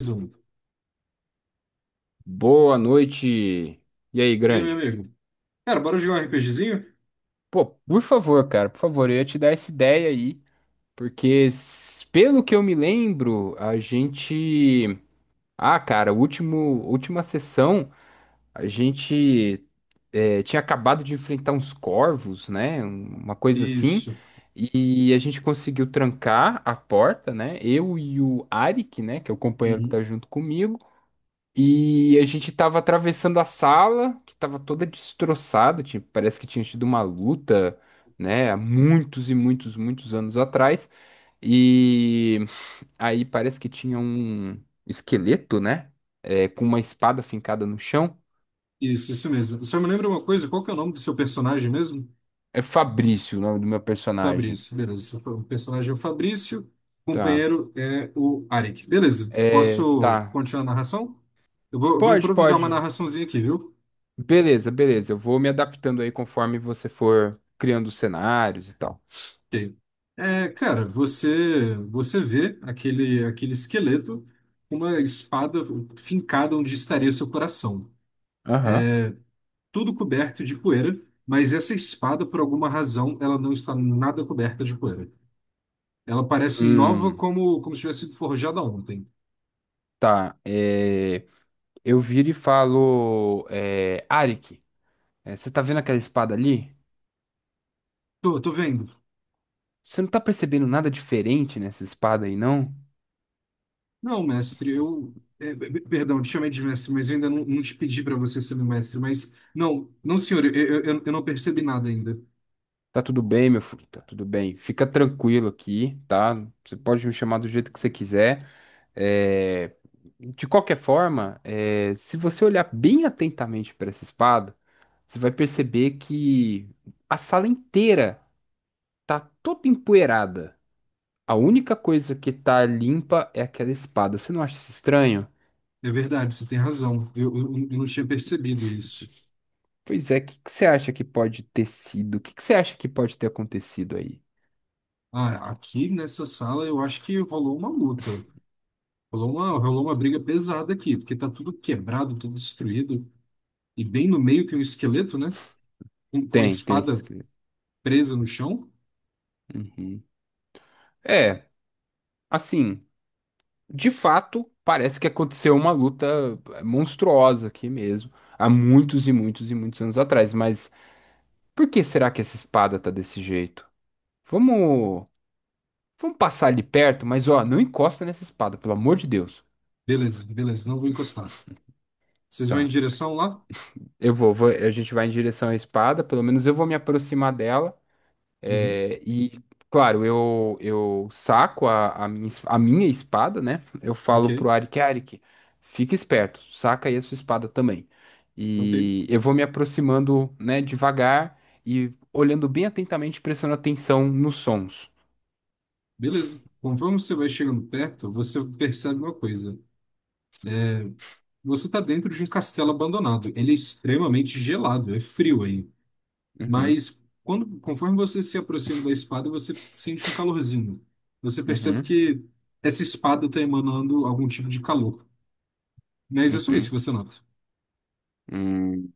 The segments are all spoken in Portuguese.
Mais um. Boa noite. E aí, E aí, meu grande? amigo? Cara, bora jogar um RPGzinho? Pô, por favor, cara, por favor, eu ia te dar essa ideia aí, porque pelo que eu me lembro, a gente, ah, cara, o último, última sessão, a gente tinha acabado de enfrentar uns corvos, né? Uma coisa assim, Isso. e a gente conseguiu trancar a porta, né? Eu e o Arik, né, que é o companheiro que tá Uhum. junto comigo. E a gente tava atravessando a sala, que tava toda destroçada, tipo, parece que tinha tido uma luta, né, há muitos e muitos, muitos anos atrás. E aí parece que tinha um esqueleto, né, com uma espada fincada no chão. Isso mesmo. Só me lembra uma coisa, qual que é o nome do seu personagem mesmo? É Fabrício o nome do meu personagem. Fabrício, beleza. O personagem é o Fabrício, o Tá. companheiro é o Arik. Beleza, posso Tá. continuar a narração? Eu vou Pode, improvisar uma pode. narraçãozinha aqui, viu? Beleza, beleza. Eu vou me adaptando aí conforme você for criando os cenários e tal. Ok. Cara, você vê aquele esqueleto com uma espada fincada onde estaria seu coração. Aham. Tudo coberto de poeira, mas essa espada, por alguma razão, ela não está nada coberta de poeira. Ela parece nova Hum, como se tivesse sido forjada ontem. tá. É. Eu viro e falo, Arik, você tá vendo aquela espada ali? Tô vendo. Você não tá percebendo nada diferente nessa espada aí, não? Não, mestre, eu. Perdão, te chamei de mestre, mas eu ainda não te pedi para você ser meu mestre. Mas, não, não, senhor, eu não percebi nada ainda. Tá tudo bem, meu filho, tá tudo bem. Fica tranquilo aqui, tá? Você pode me chamar do jeito que você quiser. É, De qualquer forma, se você olhar bem atentamente para essa espada, você vai perceber que a sala inteira tá toda empoeirada. A única coisa que tá limpa é aquela espada. Você não acha isso estranho? É verdade, você tem razão. Eu não tinha percebido isso. Pois é, o que que você acha que pode ter sido? O que que você acha que pode ter acontecido aí? Ah, aqui nessa sala eu acho que rolou uma luta. Rolou uma briga pesada aqui, porque tá tudo quebrado, tudo destruído. E bem no meio tem um esqueleto, né? Com a Tem esse espada escrito. presa no chão. Uhum. É, assim, de fato, parece que aconteceu uma luta monstruosa aqui mesmo, há muitos e muitos e muitos anos atrás, mas por que será que essa espada tá desse jeito? Vamos, vamos passar ali perto, mas ó, não encosta nessa espada, pelo amor de Deus. Beleza, beleza, não vou encostar. Vocês vão em Tá, direção lá? A gente vai em direção à espada, pelo menos eu vou me aproximar dela. Uhum. É, e, claro, eu saco a minha, a minha espada, né? Eu Ok, falo pro Arik, Arik, fica esperto, saca aí a sua espada também. ok. E eu vou me aproximando, né, devagar e olhando bem atentamente, prestando atenção nos sons. Beleza. Conforme você vai chegando perto, você percebe uma coisa. Você está dentro de um castelo abandonado. Ele é extremamente gelado, é frio aí. Uhum, Mas quando, conforme você se aproxima da espada, você sente um calorzinho. Você percebe uhum, que essa espada está emanando algum tipo de calor. Mas é só isso que uhum. você nota. Hum.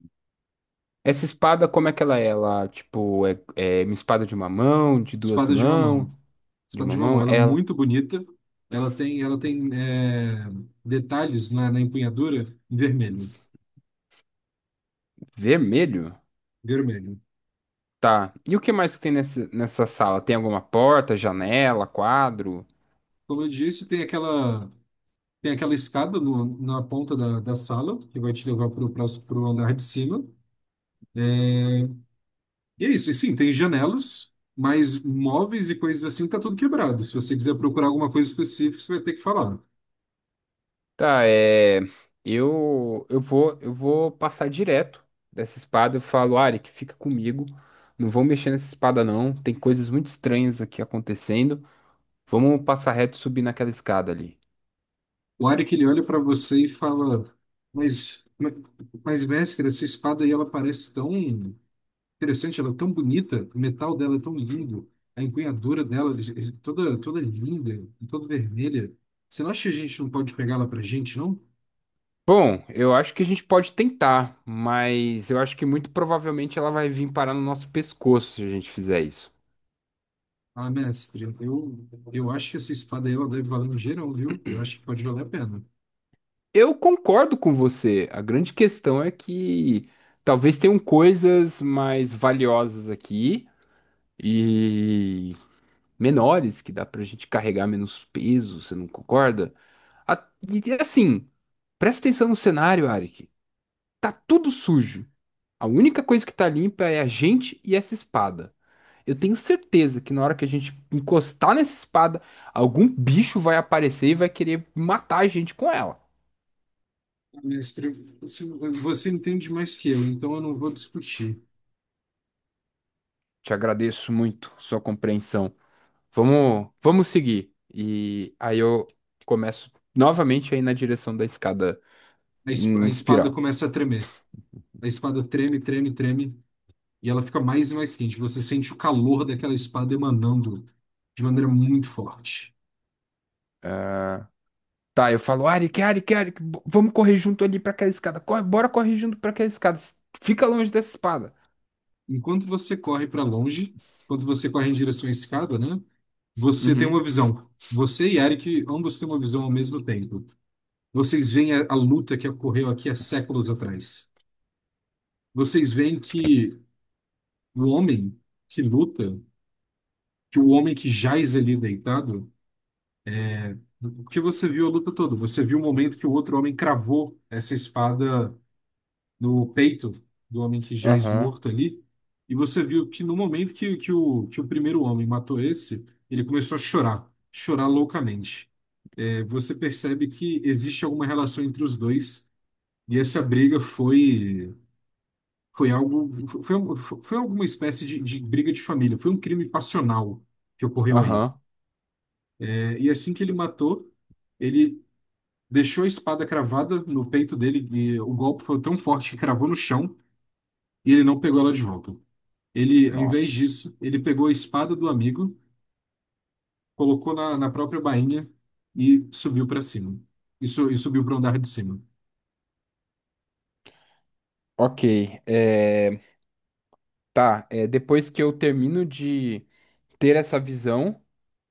Essa espada, como é que ela é? Ela, tipo, é uma espada de uma mão, de duas Espada de uma mãos, mão. de Espada uma de Mamon, mão? ela é Ela, muito bonita. Ela tem detalhes na empunhadura em vermelho, vermelho? vermelho. Tá. E o que mais que tem nessa sala? Tem alguma porta, janela, quadro? Como eu disse, tem aquela escada na ponta da sala que vai te levar para o andar de cima. É, E é isso. E sim, tem janelas, mas móveis e coisas assim tá tudo quebrado. Se você quiser procurar alguma coisa específica, você vai ter que falar. Tá, é. Eu vou passar direto dessa espada. Eu falo, Ari, que fica comigo. Não vou mexer nessa espada, não. Tem coisas muito estranhas aqui acontecendo. Vamos passar reto e subir naquela escada ali. O Arik, ele olha para você e fala, mas, mas, mestre, essa espada aí, ela parece tão interessante, ela é tão bonita, o metal dela é tão lindo, a empunhadura dela é toda linda, toda vermelha. Você não acha que a gente não pode pegar ela pra gente, não? Bom, eu acho que a gente pode tentar, mas eu acho que muito provavelmente ela vai vir parar no nosso pescoço se a gente fizer isso. Ah, mestre, eu acho que essa espada aí ela deve valer um geral, viu? Eu acho que pode valer a pena. Eu concordo com você. A grande questão é que talvez tenham coisas mais valiosas aqui e menores que dá pra gente carregar menos peso, você não concorda? E assim, presta atenção no cenário, Arik. Tá tudo sujo. A única coisa que tá limpa é a gente e essa espada. Eu tenho certeza que na hora que a gente encostar nessa espada, algum bicho vai aparecer e vai querer matar a gente com ela. Ah, Mestre, você você entende mais que eu, então eu não vou discutir. Te agradeço muito sua compreensão. Vamos, vamos seguir. E aí eu começo novamente aí na direção da escada A es- em a espada espiral. começa a tremer. A espada treme, treme, treme, e ela fica mais e mais quente. Você sente o calor daquela espada emanando de maneira muito forte. Ah, Tá, eu falo, Arik, Arik, Arik, vamos correr junto ali pra aquela escada. Corre, bora correr junto pra aquela escada. Fica longe dessa espada. Enquanto você corre para longe, enquanto você corre em direção à escada, né? Você tem uma Uhum, visão. Você e Eric, ambos têm uma visão ao mesmo tempo. Vocês veem a luta que ocorreu aqui há séculos atrás. Vocês veem que o homem que luta, que o homem que jaz ali deitado, porque você viu a luta toda, você viu o momento que o outro homem cravou essa espada no peito do homem que já é aham, esmorto ali. E você viu que no momento que o primeiro homem matou esse, ele começou a chorar, chorar loucamente. É, você percebe que existe alguma relação entre os dois, e foi algo, foi alguma espécie de briga de família, foi um crime passional que ocorreu aí. aham. É, e assim que ele matou, ele deixou a espada cravada no peito dele, e o golpe foi tão forte que cravou no chão, e ele não pegou ela de volta. Ele, ao invés Nossa. disso, ele pegou a espada do amigo, colocou na própria bainha e subiu para cima. E subiu para o andar de cima. Ok, é, depois que eu termino de ter essa visão,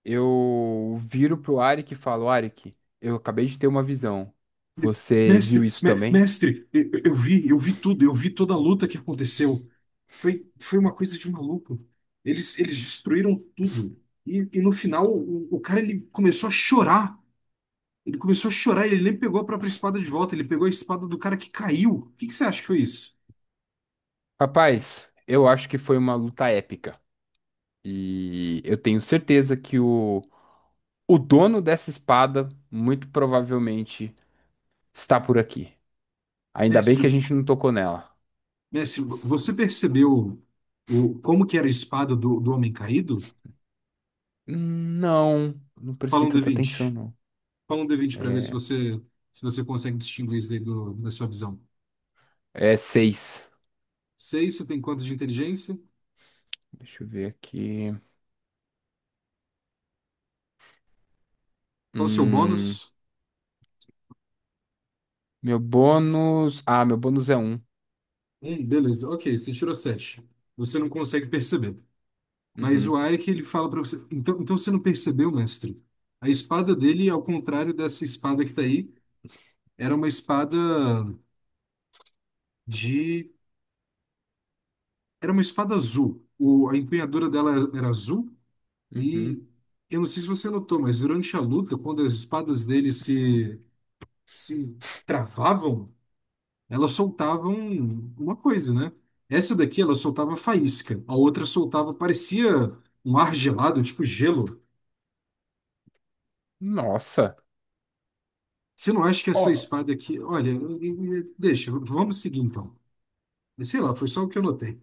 eu viro pro Arik e falo, Arik, eu acabei de ter uma visão. Ele, Você viu Mestre, isso também? mestre, eu vi tudo, eu vi toda a luta que aconteceu. Foi uma coisa de maluco. Eles destruíram tudo. E no final, o cara ele começou a chorar. Ele começou a chorar, ele nem pegou a própria espada de volta, ele pegou a espada do cara que caiu. O que que você acha que foi isso? Rapaz, eu acho que foi uma luta épica. E eu tenho certeza que o dono dessa espada muito provavelmente está por aqui. Ainda bem Mestre, que a gente não tocou nela. mestre, você percebeu como que era a espada do homem caído? Hum, não, não Fala prestei um d tanta atenção, vinte. não. Fala um d vinte para ver se É, você, se você consegue distinguir isso aí da sua visão. é seis. Seis, você tem quanto de inteligência? Deixa eu ver aqui. Qual o seu Hum, bônus? meu bônus. Ah, meu bônus é um. Um, beleza. Ok, você tirou sete. Você não consegue perceber. Mas o Uhum, Arik, ele fala para você. Então, então você não percebeu, mestre? A espada dele, é ao contrário dessa espada que tá aí, era uma espada de. Era uma espada azul. A empunhadura dela era azul. uhum. E eu não sei se você notou, mas durante a luta, quando as espadas dele se travavam, elas soltavam uma coisa, né? Essa daqui, ela soltava faísca. A outra soltava, parecia um ar gelado, tipo gelo. Nossa. Você não acha que essa Ó. espada aqui. Olha, deixa, vamos seguir então. Sei lá, foi só o que eu notei.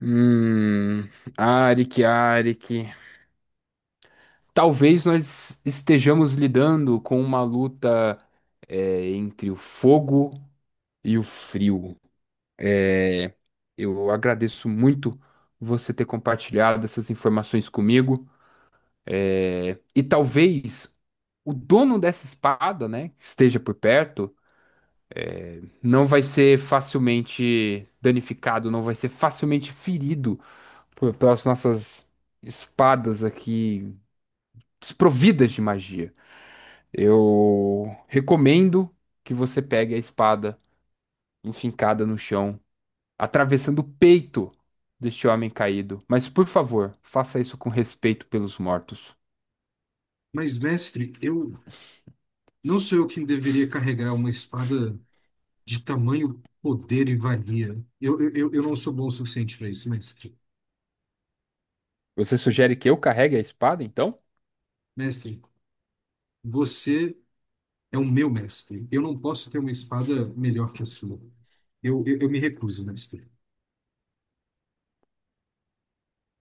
Hum, Arik, Arik. Talvez nós estejamos lidando com uma luta entre o fogo e o frio. Eu agradeço muito você ter compartilhado essas informações comigo. É, e talvez o dono dessa espada, né, que esteja por perto, não vai ser facilmente danificado, não vai ser facilmente ferido pelas nossas espadas aqui desprovidas de magia. Eu recomendo que você pegue a espada enfincada no chão, atravessando o peito deste homem caído. Mas por favor, faça isso com respeito pelos mortos. Mas, mestre, eu não sou eu quem deveria carregar uma espada de tamanho, poder e valia. Eu não sou bom o suficiente para isso, mestre. Você sugere que eu carregue a espada, então? Mestre, você é o meu mestre. Eu não posso ter uma espada melhor que a sua. Eu me recuso, mestre.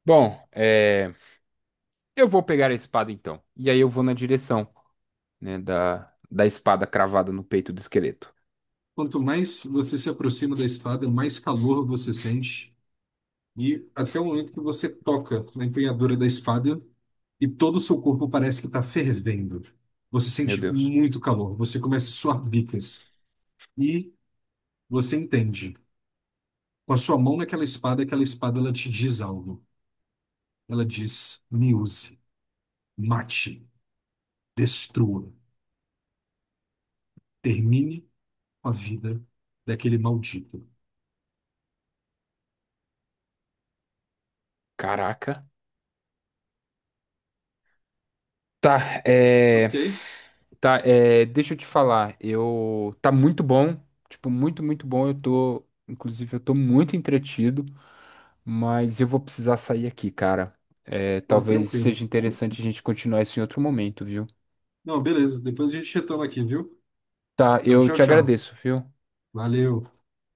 Bom, eu vou pegar a espada então. E aí eu vou na direção, né, da espada cravada no peito do esqueleto. Quanto mais você se aproxima da espada, mais calor você sente. E até o momento que você toca na empunhadura da espada e todo o seu corpo parece que está fervendo. Você Meu sente Deus. muito calor. Você começa a suar bicas. E Você entende. Com a sua mão naquela espada, aquela espada ela te diz algo. Ela diz: me use, mate, destrua, termine com a vida daquele maldito. Caraca. Tá, é... Ok, Tá, deixa eu te falar. Tá muito bom. Tipo, muito, muito bom. Inclusive, eu tô muito entretido, mas eu vou precisar sair aqui, cara. Pô, Talvez tranquilo. seja interessante a gente continuar isso em outro momento, viu? Não, beleza. Depois a gente retoma aqui, viu? Tá, Então, eu tchau, te tchau. agradeço, viu? Valeu.